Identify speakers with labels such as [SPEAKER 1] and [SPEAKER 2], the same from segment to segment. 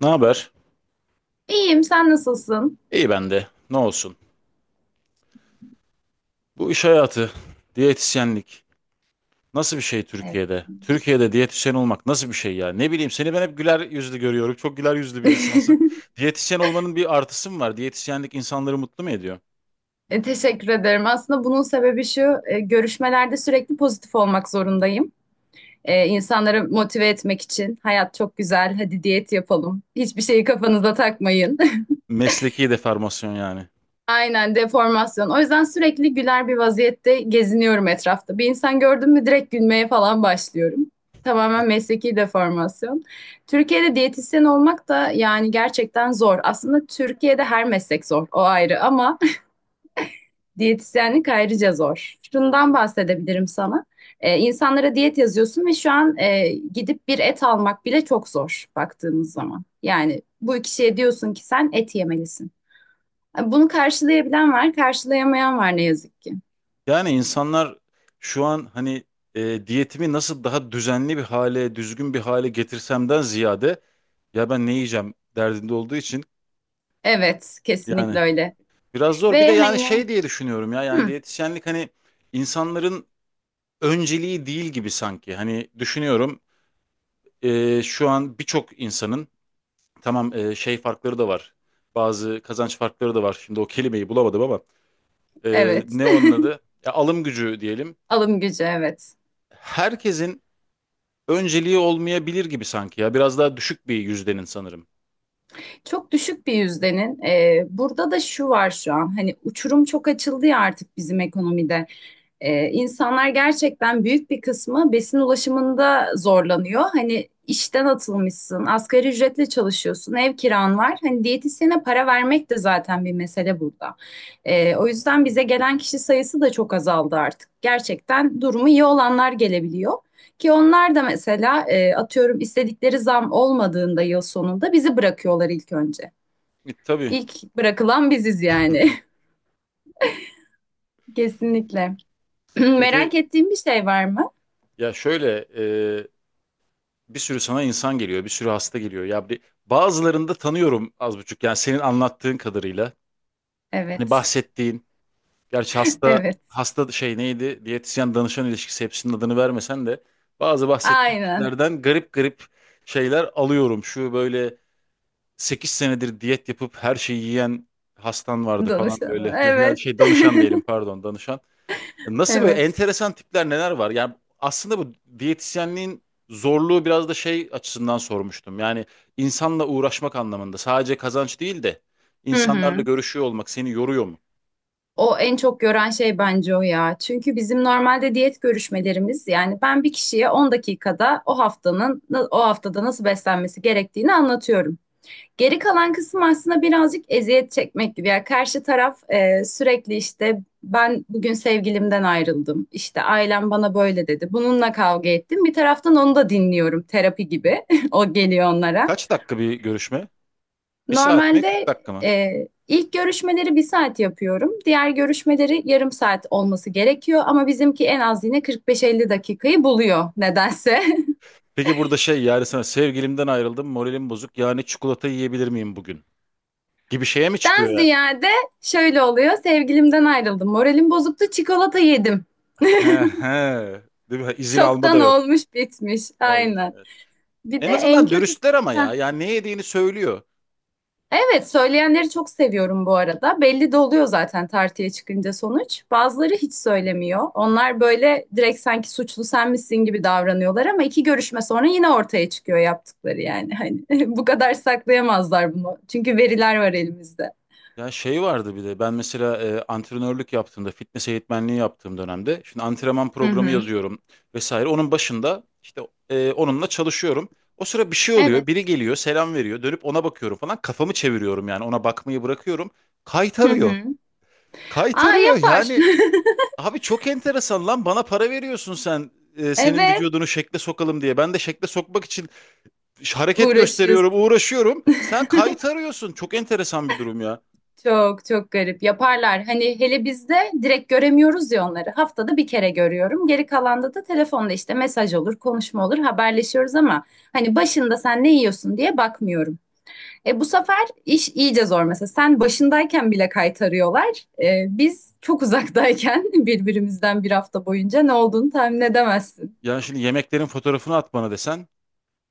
[SPEAKER 1] Ne haber?
[SPEAKER 2] İyiyim, sen nasılsın?
[SPEAKER 1] İyi bende. Ne olsun? Bu iş hayatı, diyetisyenlik nasıl bir şey
[SPEAKER 2] Evet.
[SPEAKER 1] Türkiye'de? Türkiye'de diyetisyen olmak nasıl bir şey ya? Ne bileyim seni ben hep güler yüzlü görüyorum. Çok güler yüzlü bir insansın. Diyetisyen olmanın bir artısı mı var? Diyetisyenlik insanları mutlu mu ediyor?
[SPEAKER 2] Teşekkür ederim. Aslında bunun sebebi şu, görüşmelerde sürekli pozitif olmak zorundayım. İnsanları motive etmek için hayat çok güzel, hadi diyet yapalım. Hiçbir şeyi kafanıza takmayın.
[SPEAKER 1] Mesleki deformasyon yani.
[SPEAKER 2] Aynen deformasyon. O yüzden sürekli güler bir vaziyette geziniyorum etrafta. Bir insan gördüm mü direkt gülmeye falan başlıyorum. Tamamen mesleki deformasyon. Türkiye'de diyetisyen olmak da yani gerçekten zor. Aslında Türkiye'de her meslek zor, o ayrı ama diyetisyenlik ayrıca zor. Şundan bahsedebilirim sana. İnsanlara diyet yazıyorsun ve şu an gidip bir et almak bile çok zor baktığımız zaman. Yani bu kişiye diyorsun ki sen et yemelisin. Bunu karşılayabilen var, karşılayamayan var ne yazık ki.
[SPEAKER 1] Yani insanlar şu an hani diyetimi nasıl daha düzenli bir hale, düzgün bir hale getirsemden ziyade ya ben ne yiyeceğim derdinde olduğu için
[SPEAKER 2] Evet, kesinlikle
[SPEAKER 1] yani.
[SPEAKER 2] öyle.
[SPEAKER 1] Biraz zor. Bir de
[SPEAKER 2] Ve
[SPEAKER 1] yani
[SPEAKER 2] hani,
[SPEAKER 1] şey diye düşünüyorum ya, yani
[SPEAKER 2] hı,
[SPEAKER 1] diyetisyenlik hani insanların önceliği değil gibi sanki. Hani düşünüyorum, şu an birçok insanın tamam, şey farkları da var. Bazı kazanç farkları da var. Şimdi o kelimeyi bulamadım ama
[SPEAKER 2] evet.
[SPEAKER 1] ne onun adı? Ya, alım gücü diyelim.
[SPEAKER 2] Alım gücü, evet.
[SPEAKER 1] Herkesin önceliği olmayabilir gibi sanki ya. Biraz daha düşük bir yüzdenin sanırım.
[SPEAKER 2] Çok düşük bir yüzdenin. Burada da şu var şu an. Hani uçurum çok açıldı ya artık bizim ekonomide. İnsanlar gerçekten büyük bir kısmı besin ulaşımında zorlanıyor. Hani işten atılmışsın, asgari ücretle çalışıyorsun, ev kiran var. Hani diyetisyene para vermek de zaten bir mesele burada. O yüzden bize gelen kişi sayısı da çok azaldı artık. Gerçekten durumu iyi olanlar gelebiliyor. Ki onlar da mesela atıyorum istedikleri zam olmadığında yıl sonunda bizi bırakıyorlar ilk önce.
[SPEAKER 1] E, tabii.
[SPEAKER 2] İlk bırakılan biziz yani. Kesinlikle.
[SPEAKER 1] Peki
[SPEAKER 2] Merak ettiğim bir şey var mı?
[SPEAKER 1] ya şöyle, bir sürü sana insan geliyor, bir sürü hasta geliyor. Ya bir, bazılarını da tanıyorum az buçuk. Yani senin anlattığın kadarıyla. Hani
[SPEAKER 2] Evet.
[SPEAKER 1] bahsettiğin, gerçi hasta
[SPEAKER 2] Evet.
[SPEAKER 1] hasta şey neydi? Diyetisyen danışan ilişkisi hepsinin adını vermesen de bazı bahsettiğin
[SPEAKER 2] Aynen.
[SPEAKER 1] kişilerden garip garip şeyler alıyorum. Şu böyle 8 senedir diyet yapıp her şeyi yiyen hastan vardı falan
[SPEAKER 2] Danışanı.
[SPEAKER 1] böyle. Yani
[SPEAKER 2] Evet.
[SPEAKER 1] şey, danışan diyelim, pardon, danışan. Nasıl böyle
[SPEAKER 2] Evet.
[SPEAKER 1] enteresan tipler, neler var? Yani aslında bu diyetisyenliğin zorluğu biraz da şey açısından sormuştum. Yani insanla uğraşmak anlamında, sadece kazanç değil de
[SPEAKER 2] Hı
[SPEAKER 1] insanlarla
[SPEAKER 2] hı.
[SPEAKER 1] görüşüyor olmak seni yoruyor mu?
[SPEAKER 2] O en çok gören şey bence o ya. Çünkü bizim normalde diyet görüşmelerimiz yani ben bir kişiye 10 dakikada o haftada nasıl beslenmesi gerektiğini anlatıyorum. Geri kalan kısım aslında birazcık eziyet çekmek gibi. Yani karşı taraf, sürekli işte ben bugün sevgilimden ayrıldım. İşte ailem bana böyle dedi. Bununla kavga ettim. Bir taraftan onu da dinliyorum, terapi gibi. O geliyor onlara.
[SPEAKER 1] Kaç dakika bir görüşme? Bir saat mi? 40
[SPEAKER 2] Normalde,
[SPEAKER 1] dakika mı?
[SPEAKER 2] e, ilk görüşmeleri bir saat yapıyorum. Diğer görüşmeleri yarım saat olması gerekiyor ama bizimki en az yine 45-50 dakikayı buluyor nedense.
[SPEAKER 1] Peki burada şey, yani sana sevgilimden ayrıldım, moralim bozuk. Yani çikolata yiyebilir miyim bugün? Gibi şeye mi çıkıyor
[SPEAKER 2] Den
[SPEAKER 1] ya?
[SPEAKER 2] ziyade şöyle oluyor. Sevgilimden ayrıldım. Moralim bozuktu. Çikolata yedim.
[SPEAKER 1] He he. Değil mi? İzin alma da
[SPEAKER 2] Çoktan
[SPEAKER 1] yok.
[SPEAKER 2] olmuş bitmiş.
[SPEAKER 1] Olmuş,
[SPEAKER 2] Aynen.
[SPEAKER 1] evet.
[SPEAKER 2] Bir
[SPEAKER 1] En
[SPEAKER 2] de en
[SPEAKER 1] azından
[SPEAKER 2] kötü...
[SPEAKER 1] dürüstler ama
[SPEAKER 2] Heh,
[SPEAKER 1] ya. Yani ne yediğini söylüyor.
[SPEAKER 2] evet, söyleyenleri çok seviyorum bu arada. Belli de oluyor zaten tartıya çıkınca sonuç. Bazıları hiç söylemiyor. Onlar böyle direkt sanki suçlu sen misin gibi davranıyorlar ama iki görüşme sonra yine ortaya çıkıyor yaptıkları yani. Hani bu kadar saklayamazlar bunu. Çünkü veriler var elimizde.
[SPEAKER 1] Ya şey vardı bir de, ben mesela antrenörlük yaptığımda, fitness eğitmenliği yaptığım dönemde, şimdi antrenman
[SPEAKER 2] Hı
[SPEAKER 1] programı
[SPEAKER 2] hı.
[SPEAKER 1] yazıyorum vesaire, onun başında işte onunla çalışıyorum. O sıra bir şey oluyor, biri
[SPEAKER 2] Evet.
[SPEAKER 1] geliyor selam veriyor, dönüp ona bakıyorum falan, kafamı çeviriyorum, yani ona bakmayı bırakıyorum,
[SPEAKER 2] Hı
[SPEAKER 1] kaytarıyor,
[SPEAKER 2] hı. Aa,
[SPEAKER 1] kaytarıyor
[SPEAKER 2] yapar.
[SPEAKER 1] yani. Abi çok enteresan lan, bana para veriyorsun sen, senin
[SPEAKER 2] Evet,
[SPEAKER 1] vücudunu şekle sokalım diye ben de şekle sokmak için hareket gösteriyorum,
[SPEAKER 2] uğraşıyorsun.
[SPEAKER 1] uğraşıyorum, sen kaytarıyorsun. Çok enteresan bir durum ya.
[SPEAKER 2] Çok çok garip yaparlar. Hani hele bizde direkt göremiyoruz ya onları. Haftada bir kere görüyorum. Geri kalanda da telefonda işte mesaj olur, konuşma olur, haberleşiyoruz ama hani başında sen ne yiyorsun diye bakmıyorum. E bu sefer iş iyice zor mesela. Sen başındayken bile kaytarıyorlar. Biz çok uzaktayken birbirimizden bir hafta boyunca ne olduğunu tahmin edemezsin.
[SPEAKER 1] Yani şimdi yemeklerin fotoğrafını at bana desen.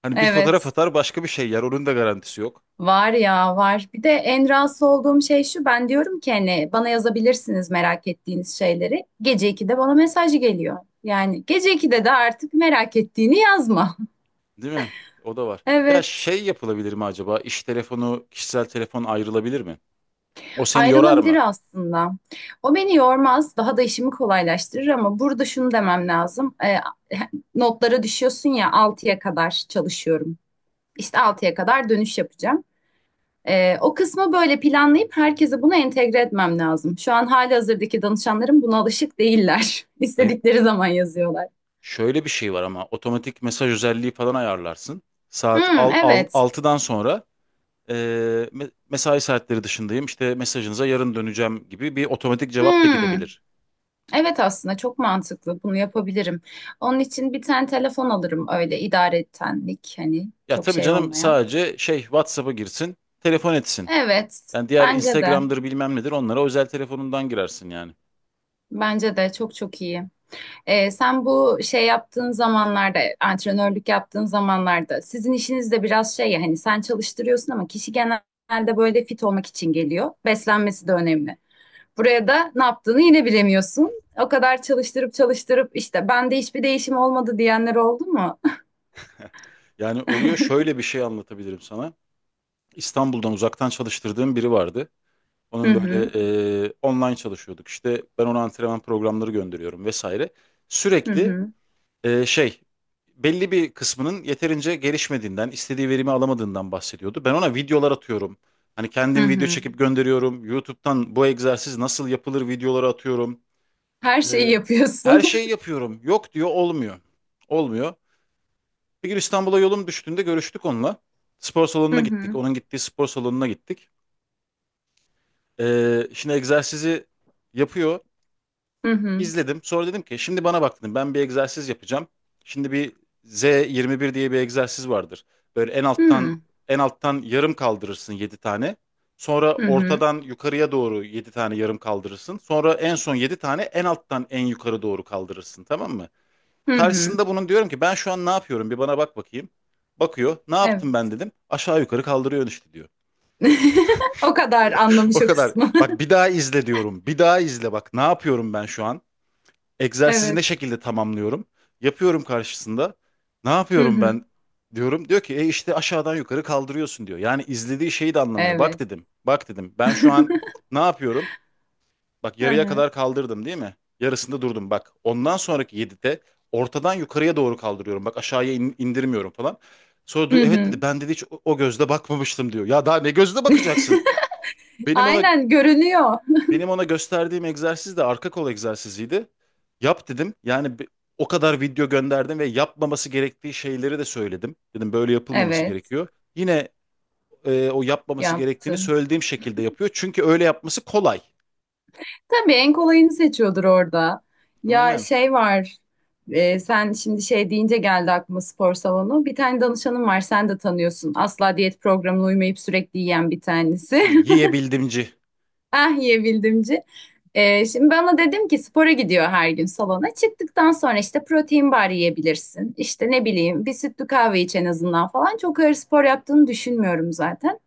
[SPEAKER 1] Hani bir fotoğraf
[SPEAKER 2] Evet.
[SPEAKER 1] atar, başka bir şey yer. Onun da garantisi yok.
[SPEAKER 2] Var ya var. Bir de en rahatsız olduğum şey şu. Ben diyorum ki hani bana yazabilirsiniz merak ettiğiniz şeyleri. Gece 2'de bana mesaj geliyor. Yani gece 2'de de artık merak ettiğini yazma.
[SPEAKER 1] Değil mi? O da var. Ya
[SPEAKER 2] Evet.
[SPEAKER 1] şey yapılabilir mi acaba? İş telefonu, kişisel telefon ayrılabilir mi? O seni yorar mı?
[SPEAKER 2] Ayrılabilir aslında. O beni yormaz. Daha da işimi kolaylaştırır ama burada şunu demem lazım. Notlara düşüyorsun ya, altıya kadar çalışıyorum. İşte altıya kadar dönüş yapacağım. O kısmı böyle planlayıp herkese bunu entegre etmem lazım. Şu an halihazırdaki danışanlarım buna alışık değiller.
[SPEAKER 1] Hayır.
[SPEAKER 2] İstedikleri zaman yazıyorlar.
[SPEAKER 1] Şöyle bir şey var ama, otomatik mesaj özelliği falan ayarlarsın. Saat
[SPEAKER 2] Hmm, evet.
[SPEAKER 1] 6'dan sonra e, mesai saatleri dışındayım, işte mesajınıza yarın döneceğim gibi bir otomatik cevap da
[SPEAKER 2] Hmm,
[SPEAKER 1] gidebilir.
[SPEAKER 2] evet, aslında çok mantıklı. Bunu yapabilirim. Onun için bir tane telefon alırım, öyle idaretenlik hani
[SPEAKER 1] Ya
[SPEAKER 2] çok
[SPEAKER 1] tabii
[SPEAKER 2] şey
[SPEAKER 1] canım,
[SPEAKER 2] olmayan.
[SPEAKER 1] sadece şey, WhatsApp'a girsin, telefon etsin.
[SPEAKER 2] Evet,
[SPEAKER 1] Yani diğer
[SPEAKER 2] bence de.
[SPEAKER 1] Instagram'dır bilmem nedir, onlara özel telefonundan girersin yani.
[SPEAKER 2] Bence de çok çok iyi. Sen bu şey yaptığın zamanlarda, antrenörlük yaptığın zamanlarda sizin işiniz de biraz şey ya, hani sen çalıştırıyorsun ama kişi genelde böyle fit olmak için geliyor. Beslenmesi de önemli. Buraya da ne yaptığını yine bilemiyorsun. O kadar çalıştırıp çalıştırıp işte bende hiçbir değişim olmadı diyenler oldu mu?
[SPEAKER 1] Yani oluyor, şöyle bir şey anlatabilirim sana. İstanbul'dan uzaktan çalıştırdığım biri vardı.
[SPEAKER 2] Hı
[SPEAKER 1] Onun böyle,
[SPEAKER 2] hı,
[SPEAKER 1] online çalışıyorduk işte, ben ona antrenman programları gönderiyorum vesaire.
[SPEAKER 2] hı
[SPEAKER 1] Sürekli
[SPEAKER 2] hı,
[SPEAKER 1] şey, belli bir kısmının yeterince gelişmediğinden, istediği verimi alamadığından bahsediyordu. Ben ona videolar atıyorum. Hani
[SPEAKER 2] hı
[SPEAKER 1] kendim video
[SPEAKER 2] hı.
[SPEAKER 1] çekip gönderiyorum. YouTube'dan bu egzersiz nasıl yapılır videoları atıyorum.
[SPEAKER 2] Her şeyi
[SPEAKER 1] Ee, her
[SPEAKER 2] yapıyorsun.
[SPEAKER 1] şeyi yapıyorum. Yok diyor, olmuyor. Olmuyor. Bir gün İstanbul'a yolum düştüğünde görüştük onunla. Spor
[SPEAKER 2] Hı
[SPEAKER 1] salonuna gittik.
[SPEAKER 2] hı,
[SPEAKER 1] Onun gittiği spor salonuna gittik. Şimdi egzersizi yapıyor.
[SPEAKER 2] hı hı,
[SPEAKER 1] İzledim. Sonra dedim ki şimdi bana bak dedim, ben bir egzersiz yapacağım. Şimdi bir Z21 diye bir egzersiz vardır. Böyle en alttan
[SPEAKER 2] hı
[SPEAKER 1] en alttan yarım kaldırırsın 7 tane. Sonra
[SPEAKER 2] hı,
[SPEAKER 1] ortadan yukarıya doğru 7 tane yarım kaldırırsın. Sonra en son 7 tane en alttan en yukarı doğru kaldırırsın. Tamam mı?
[SPEAKER 2] hı hı.
[SPEAKER 1] Karşısında bunun diyorum ki, ben şu an ne yapıyorum, bir bana bak bakayım. Bakıyor. Ne yaptım ben
[SPEAKER 2] Evet.
[SPEAKER 1] dedim. Aşağı yukarı kaldırıyor işte diyor.
[SPEAKER 2] O kadar
[SPEAKER 1] O
[SPEAKER 2] anlamış o
[SPEAKER 1] kadar.
[SPEAKER 2] kısmı.
[SPEAKER 1] Bak bir daha izle diyorum. Bir daha izle bak. Ne yapıyorum ben şu an? Egzersizi ne
[SPEAKER 2] Evet.
[SPEAKER 1] şekilde tamamlıyorum? Yapıyorum karşısında. Ne
[SPEAKER 2] Hı
[SPEAKER 1] yapıyorum
[SPEAKER 2] hı.
[SPEAKER 1] ben diyorum. Diyor ki işte aşağıdan yukarı kaldırıyorsun diyor. Yani izlediği şeyi de anlamıyor. Bak
[SPEAKER 2] Evet.
[SPEAKER 1] dedim. Bak dedim. Ben şu an ne yapıyorum? Bak
[SPEAKER 2] Hı
[SPEAKER 1] yarıya
[SPEAKER 2] hı.
[SPEAKER 1] kadar kaldırdım değil mi? Yarısında durdum bak. Ondan sonraki 7'de ortadan yukarıya doğru kaldırıyorum. Bak aşağıya indirmiyorum falan. Sonra dur,
[SPEAKER 2] Hı
[SPEAKER 1] evet
[SPEAKER 2] hı.
[SPEAKER 1] dedi, ben dedi hiç o gözle bakmamıştım diyor. Ya daha ne gözle bakacaksın? Benim ona
[SPEAKER 2] Aynen görünüyor.
[SPEAKER 1] benim ona gösterdiğim egzersiz de arka kol egzersiziydi. Yap dedim. Yani o kadar video gönderdim ve yapmaması gerektiği şeyleri de söyledim. Dedim böyle yapılmaması
[SPEAKER 2] Evet,
[SPEAKER 1] gerekiyor. Yine o yapmaması gerektiğini
[SPEAKER 2] yaptı.
[SPEAKER 1] söylediğim şekilde yapıyor. Çünkü öyle yapması kolay.
[SPEAKER 2] Tabii en kolayını seçiyordur orada. Ya
[SPEAKER 1] Aynen.
[SPEAKER 2] şey var, sen şimdi şey deyince geldi aklıma spor salonu. Bir tane danışanım var, sen de tanıyorsun. Asla diyet programına uymayıp sürekli yiyen bir tanesi.
[SPEAKER 1] Hı, yiyebildimci.
[SPEAKER 2] Ah, yiyebildimci. Şimdi ben ona dedim ki spora gidiyor her gün salona. Çıktıktan sonra işte protein bar yiyebilirsin. İşte ne bileyim bir sütlü kahve iç en azından falan. Çok ağır spor yaptığını düşünmüyorum zaten.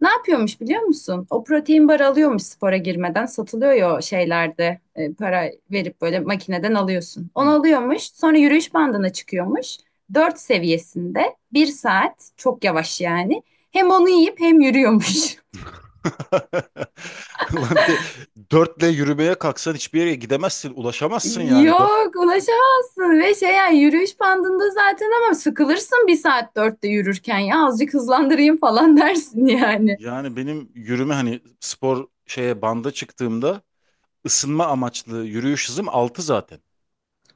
[SPEAKER 2] Ne yapıyormuş biliyor musun? O protein bar alıyormuş spora girmeden. Satılıyor ya o şeylerde. Para verip böyle makineden alıyorsun. Onu
[SPEAKER 1] Hı.
[SPEAKER 2] alıyormuş. Sonra yürüyüş bandına çıkıyormuş. 4 seviyesinde. Bir saat. Çok yavaş yani. Hem onu yiyip hem yürüyormuş.
[SPEAKER 1] Ulan bir de 4'le yürümeye kalksan hiçbir yere gidemezsin, ulaşamazsın yani. 4,
[SPEAKER 2] Yok, ulaşamazsın ve şey yani yürüyüş bandında zaten ama sıkılırsın bir saat dörtte yürürken, ya azıcık hızlandırayım falan dersin yani.
[SPEAKER 1] yani benim yürüme, hani spor şeye, banda çıktığımda ısınma amaçlı yürüyüş hızım 6 zaten.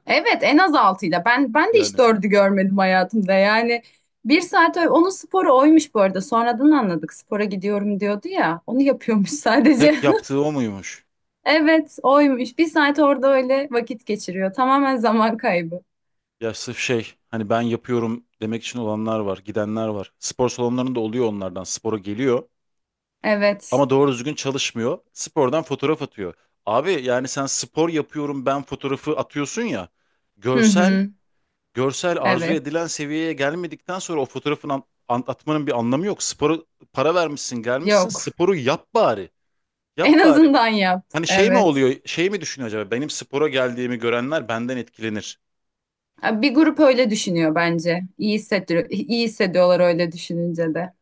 [SPEAKER 2] Evet, en az 6'yla. Ben de hiç
[SPEAKER 1] Yani
[SPEAKER 2] dördü görmedim hayatımda. Yani bir saat onun sporu oymuş bu arada. Sonradan anladık. Spora gidiyorum diyordu ya. Onu yapıyormuş sadece.
[SPEAKER 1] tek yaptığı o muymuş?
[SPEAKER 2] Evet, oymuş. Bir saat orada öyle vakit geçiriyor. Tamamen zaman kaybı.
[SPEAKER 1] Ya sırf şey, hani ben yapıyorum demek için olanlar var, gidenler var. Spor salonlarında oluyor onlardan. Spora geliyor
[SPEAKER 2] Evet.
[SPEAKER 1] ama doğru düzgün çalışmıyor. Spordan fotoğraf atıyor. Abi yani sen spor yapıyorum ben fotoğrafı atıyorsun ya.
[SPEAKER 2] Hı
[SPEAKER 1] Görsel
[SPEAKER 2] hı.
[SPEAKER 1] görsel arzu
[SPEAKER 2] Evet.
[SPEAKER 1] edilen seviyeye gelmedikten sonra o fotoğrafın anlatmanın bir anlamı yok. Sporu, para vermişsin, gelmişsin.
[SPEAKER 2] Yok.
[SPEAKER 1] Sporu yap bari.
[SPEAKER 2] En
[SPEAKER 1] Yap bari.
[SPEAKER 2] azından yap.
[SPEAKER 1] Hani şey mi
[SPEAKER 2] Evet.
[SPEAKER 1] oluyor? Şey mi düşünüyor acaba? Benim spora geldiğimi görenler benden etkilenir.
[SPEAKER 2] Bir grup öyle düşünüyor bence. İyi hissediyor, iyi hissediyorlar öyle düşününce de.